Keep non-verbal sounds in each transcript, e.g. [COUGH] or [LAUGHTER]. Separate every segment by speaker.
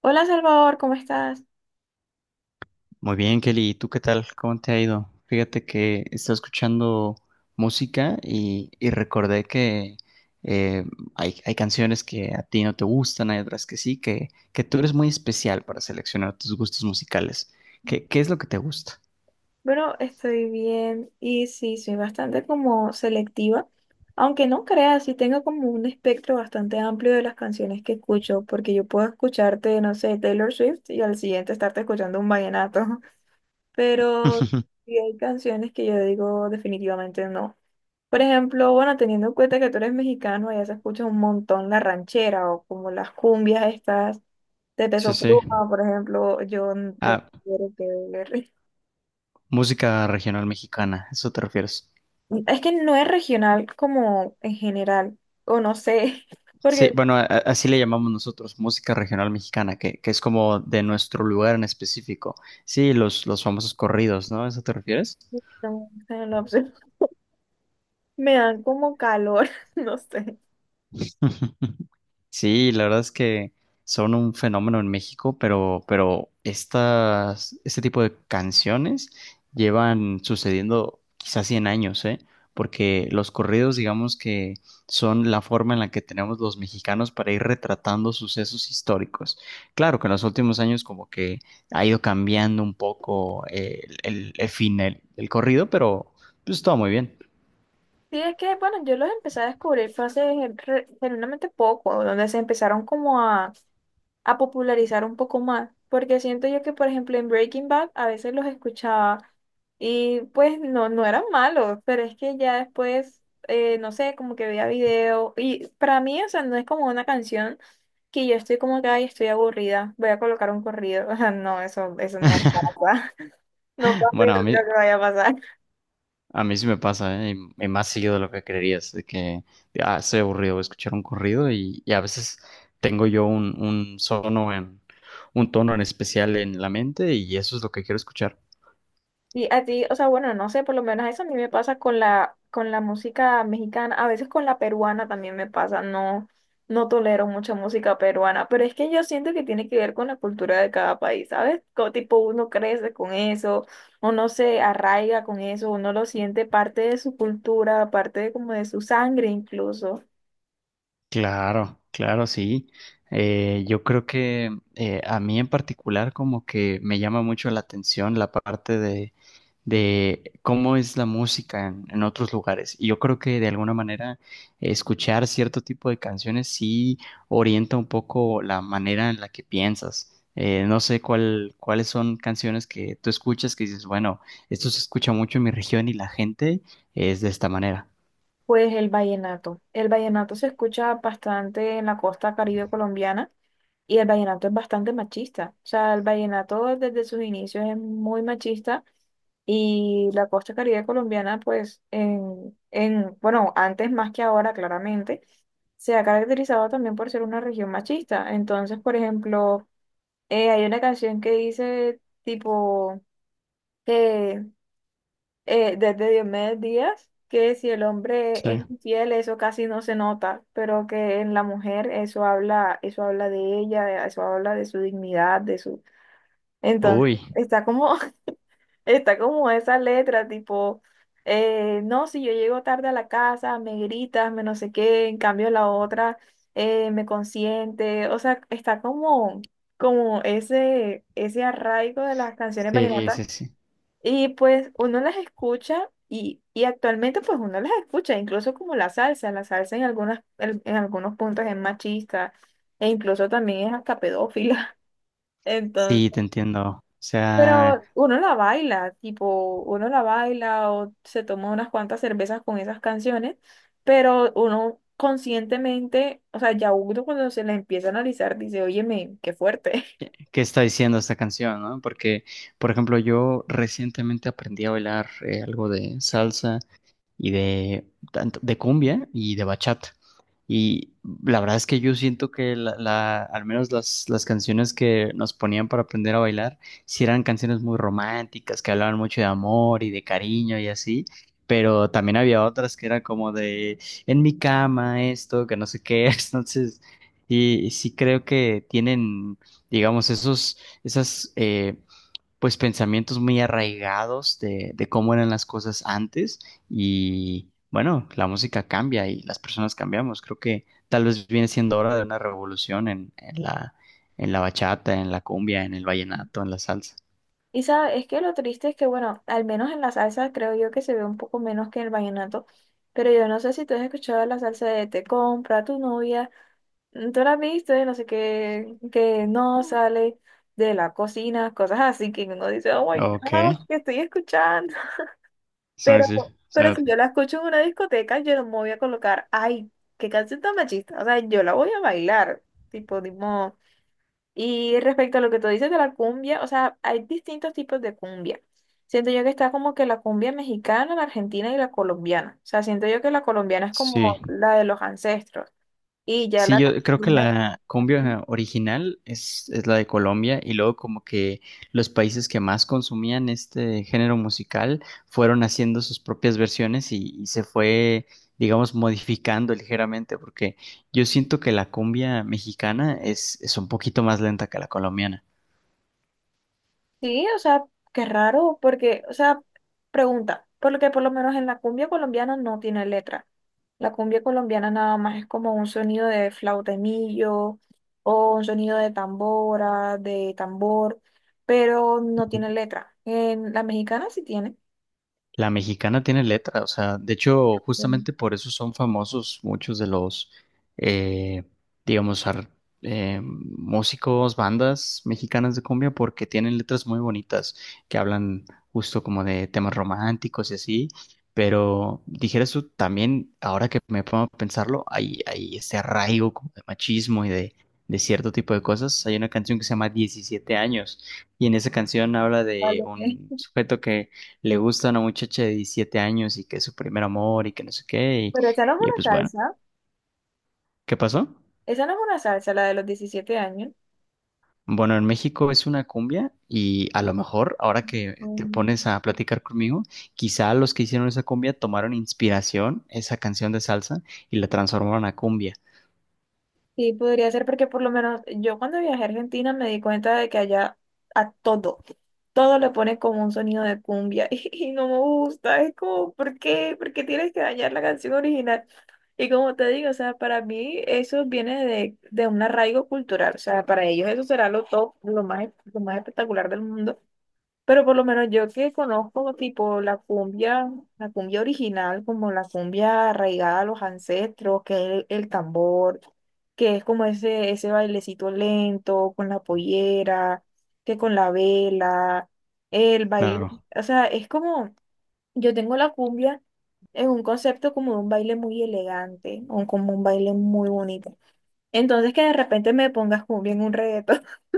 Speaker 1: Hola Salvador, ¿cómo estás?
Speaker 2: Muy bien, Kelly. ¿Y tú qué tal? ¿Cómo te ha ido? Fíjate que estaba escuchando música y recordé que eh, hay canciones que a ti no te gustan, hay otras que sí, que tú eres muy especial para seleccionar tus gustos musicales. ¿Qué es lo que te gusta?
Speaker 1: Bueno, estoy bien y sí, soy bastante como selectiva, aunque no creas, sí tengo como un espectro bastante amplio de las canciones que escucho, porque yo puedo escucharte, no sé, Taylor Swift y al siguiente estarte escuchando un vallenato, [LAUGHS] pero
Speaker 2: [LAUGHS]
Speaker 1: sí hay canciones que yo digo definitivamente no. Por ejemplo, bueno, teniendo en cuenta que tú eres mexicano, allá se escucha un montón la ranchera o como las cumbias estas de
Speaker 2: Sí,
Speaker 1: Peso
Speaker 2: sí.
Speaker 1: Pluma, por ejemplo, yo no
Speaker 2: Ah,
Speaker 1: quiero que ver.
Speaker 2: música regional mexicana, ¿a ¿eso te refieres?
Speaker 1: Es que no es regional como en general, o no sé, [LAUGHS]
Speaker 2: Sí,
Speaker 1: porque
Speaker 2: bueno, así le llamamos nosotros, música regional mexicana, que es como de nuestro lugar en específico. Sí, los famosos corridos, ¿no? ¿A ¿Eso te refieres?
Speaker 1: no, sé en lo absoluto, [LAUGHS] me dan como calor, [LAUGHS] no sé.
Speaker 2: [LAUGHS] Sí, la verdad es que son un fenómeno en México, pero estas, este tipo de canciones llevan sucediendo quizás 100 años, ¿eh? Porque los corridos, digamos que son la forma en la que tenemos los mexicanos para ir retratando sucesos históricos. Claro que en los últimos años como que ha ido cambiando un poco el fin del corrido, pero pues todo muy bien.
Speaker 1: Sí, es que, bueno, yo los empecé a descubrir fue hace genuinamente poco, donde se empezaron como a popularizar un poco más, porque siento yo que, por ejemplo, en Breaking Bad a veces los escuchaba y pues no, no eran malos, pero es que ya después, no sé, como que veía video y para mí, o sea, no es como una canción que yo estoy como que, ay, estoy aburrida, voy a colocar un corrido, [LAUGHS] o sea, no, eso no
Speaker 2: [LAUGHS]
Speaker 1: pasa, [LAUGHS] no pasa y no
Speaker 2: Bueno,
Speaker 1: creo que vaya a pasar.
Speaker 2: a mí sí me pasa, ¿eh? Y más seguido de lo que creerías, de que ah, estoy aburrido, voy a escuchar un corrido y a veces tengo yo un sono en, un tono en especial en la mente y eso es lo que quiero escuchar.
Speaker 1: Y a ti, o sea, bueno, no sé, por lo menos eso a mí me pasa con con la música mexicana, a veces con la peruana también me pasa, no, no tolero mucha música peruana, pero es que yo siento que tiene que ver con la cultura de cada país, ¿sabes? Como tipo uno crece con eso, uno se arraiga con eso, uno lo siente parte de su cultura, parte de como de su sangre incluso.
Speaker 2: Claro, claro, sí. Yo creo que a mí en particular como que me llama mucho la atención la parte de cómo es la música en otros lugares. Y yo creo que de alguna manera escuchar cierto tipo de canciones sí orienta un poco la manera en la que piensas. No sé cuáles son canciones que tú escuchas que dices, bueno, esto se escucha mucho en mi región y la gente es de esta manera.
Speaker 1: Pues el vallenato. El vallenato se escucha bastante en la costa caribe colombiana. Y el vallenato es bastante machista. O sea, el vallenato desde sus inicios es muy machista. Y la costa caribe colombiana, pues, en, bueno, antes más que ahora, claramente, se ha caracterizado también por ser una región machista. Entonces, por ejemplo, hay una canción que dice tipo que desde Diomedes Díaz, que si el hombre es
Speaker 2: Sí.
Speaker 1: infiel, eso casi no se nota, pero que en la mujer eso habla de ella, eso habla de su dignidad, de su... Entonces,
Speaker 2: Uy,
Speaker 1: está como, [LAUGHS] está como esa letra, tipo, no, si yo llego tarde a la casa, me gritas, me no sé qué, en cambio la otra me consiente, o sea, está como, ese arraigo de las canciones
Speaker 2: sí,
Speaker 1: vallenatas,
Speaker 2: sí, sí.
Speaker 1: y pues uno las escucha y actualmente pues uno las escucha, incluso como la salsa en algunas, en algunos puntos es machista e incluso también es hasta pedófila. [LAUGHS] Entonces,
Speaker 2: Sí, te entiendo. O sea,
Speaker 1: pero uno la baila, tipo, uno la baila o se toma unas cuantas cervezas con esas canciones, pero uno conscientemente, o sea, ya uno cuando se la empieza a analizar dice, óyeme, qué fuerte.
Speaker 2: ¿qué está diciendo esta canción, no? Porque, por ejemplo, yo recientemente aprendí a bailar algo de salsa y de, tanto- de cumbia y de bachata. Y la verdad es que yo siento que al menos las canciones que nos ponían para aprender a bailar, sí eran canciones muy románticas, que hablaban mucho de amor y de cariño y así, pero también había otras que eran como de en mi cama esto, que no sé qué, [LAUGHS] entonces, y sí creo que tienen, digamos, esas... pues pensamientos muy arraigados de cómo eran las cosas antes y bueno, la música cambia y las personas cambiamos. Creo que tal vez viene siendo hora de una revolución en la bachata, en la cumbia, en el vallenato, en la salsa.
Speaker 1: Y sabes, es que lo triste es que, bueno, al menos en la salsa creo yo que se ve un poco menos que en el vallenato, pero yo no sé si tú has escuchado la salsa de te compra tu novia, tú la has visto, no sé qué, que no sale de la cocina, cosas así que uno dice, oh my
Speaker 2: Ok,
Speaker 1: God, que estoy escuchando. [LAUGHS]
Speaker 2: sí,
Speaker 1: Pero,
Speaker 2: sí, o
Speaker 1: pero
Speaker 2: sea,
Speaker 1: si yo la escucho en una discoteca, yo no me voy a colocar, ay, qué canción tan machista, o sea, yo la voy a bailar, tipo. Y respecto a lo que tú dices de la cumbia, o sea, hay distintos tipos de cumbia. Siento yo que está como que la cumbia mexicana, la argentina y la colombiana. O sea, siento yo que la colombiana es como
Speaker 2: sí.
Speaker 1: la de los ancestros y ya la
Speaker 2: Sí, yo creo que
Speaker 1: argentina-.
Speaker 2: la cumbia original es la de Colombia y luego como que los países que más consumían este género musical fueron haciendo sus propias versiones y se fue, digamos, modificando ligeramente porque yo siento que la cumbia mexicana es un poquito más lenta que la colombiana.
Speaker 1: Sí, o sea, qué raro, porque, o sea, pregunta, porque por lo menos en la cumbia colombiana no tiene letra. La cumbia colombiana nada más es como un sonido de flautemillo o un sonido de tambora, de tambor, pero no tiene letra. En la mexicana sí tiene.
Speaker 2: La mexicana tiene letra, o sea, de hecho,
Speaker 1: Mm,
Speaker 2: justamente por eso son famosos muchos de los, eh, digamos, músicos, bandas mexicanas de cumbia, porque tienen letras muy bonitas que hablan justo como de temas románticos y así. Pero dijeras tú también, ahora que me pongo a pensarlo, hay ese arraigo como de machismo y de cierto tipo de cosas. Hay una canción que se llama 17 años y en esa canción habla de
Speaker 1: vale.
Speaker 2: un sujeto que le gusta a una muchacha de 17 años y que es su primer amor y que no sé qué.
Speaker 1: Pero esa no es
Speaker 2: Y
Speaker 1: una
Speaker 2: pues bueno,
Speaker 1: salsa,
Speaker 2: ¿qué pasó?
Speaker 1: esa no es una salsa, la de los 17 años.
Speaker 2: Bueno, en México es una cumbia y a lo mejor ahora que te pones a platicar conmigo, quizá los que hicieron esa cumbia tomaron inspiración, esa canción de salsa, y la transformaron a cumbia.
Speaker 1: Sí, podría ser porque por lo menos yo cuando viajé a Argentina me di cuenta de que allá a todo, todo le ponen como un sonido de cumbia, [LAUGHS] y no me gusta, es como, ¿por qué? ¿Por qué tienes que dañar la canción original? Y como te digo, o sea, para mí eso viene de un arraigo cultural, o sea, para ellos eso será lo top, lo más, espectacular del mundo. Pero por lo menos yo que conozco tipo la cumbia original, como la cumbia arraigada a los ancestros, que es el tambor, que es como ese bailecito lento, con la pollera, que con la vela, el baile,
Speaker 2: Claro,
Speaker 1: o sea, es como, yo tengo la cumbia en un concepto como de un baile muy elegante, o como un baile muy bonito. Entonces que de repente me pongas cumbia en un reto [LAUGHS]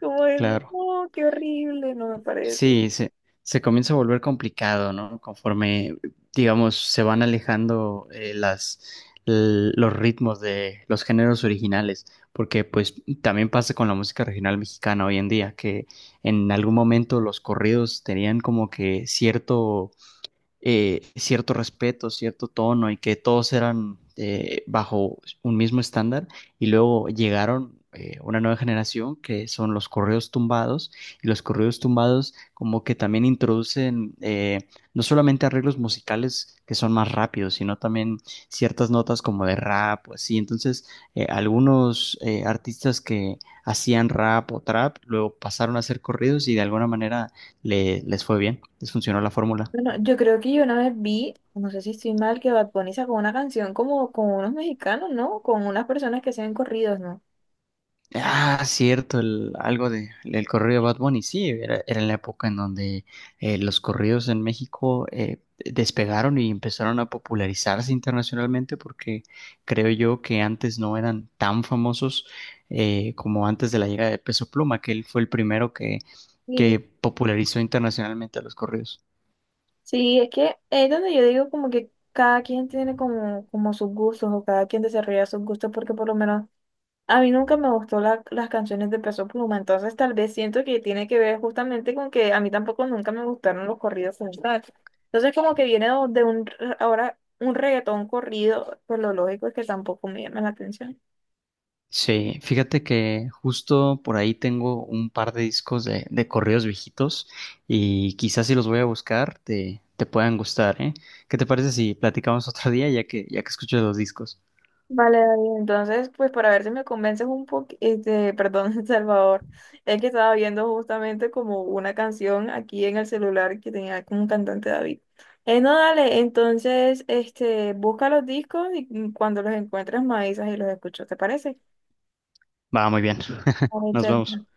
Speaker 1: como de,
Speaker 2: claro.
Speaker 1: no, qué horrible, no me parece.
Speaker 2: Sí, se, Se comienza a volver complicado, ¿no? Conforme, digamos, se van alejando los ritmos de los géneros originales, porque pues también pasa con la música regional mexicana hoy en día, que en algún momento los corridos tenían como que cierto cierto respeto, cierto tono y que todos eran bajo un mismo estándar y luego llegaron una nueva generación que son los correos tumbados y los correos tumbados como que también introducen no solamente arreglos musicales que son más rápidos, sino también ciertas notas como de rap o así. Entonces, algunos artistas que hacían rap o trap luego pasaron a hacer corridos y de alguna manera les fue bien, les funcionó la fórmula.
Speaker 1: Bueno, yo creo que yo una vez vi, no sé si estoy mal, que Bad Bunny sacó una canción como con unos mexicanos, ¿no? Con unas personas que hacen corridos, ¿no?
Speaker 2: Ah, cierto, el, algo de el corrido de Bad Bunny, sí, era en la época en donde los corridos en México despegaron y empezaron a popularizarse internacionalmente porque creo yo que antes no eran tan famosos como antes de la llegada de Peso Pluma, que él fue el primero que
Speaker 1: Sí,
Speaker 2: popularizó internacionalmente a los corridos.
Speaker 1: sí, es que es donde yo digo como que cada quien tiene como sus gustos o cada quien desarrolla sus gustos porque por lo menos a mí nunca me gustó las canciones de Peso Pluma, entonces tal vez siento que tiene que ver justamente con que a mí tampoco nunca me gustaron los corridos como tal. Entonces como que viene de un, ahora un reggaetón corrido, pues lo lógico es que tampoco me llama la atención.
Speaker 2: Sí, fíjate que justo por ahí tengo un par de discos de corridos viejitos y quizás si los voy a buscar te puedan gustar, ¿eh? ¿Qué te parece si platicamos otro día ya que escucho los discos?
Speaker 1: Vale, David. Entonces, pues para ver si me convences un poco, este, perdón, [LAUGHS] Salvador, es que estaba viendo justamente como una canción aquí en el celular que tenía como un cantante David. No, dale, entonces, este, busca los discos y cuando los encuentres me avisas y los escucho, ¿te parece?
Speaker 2: Va, muy bien. [LAUGHS]
Speaker 1: Vale,
Speaker 2: Nos vemos.
Speaker 1: chévere.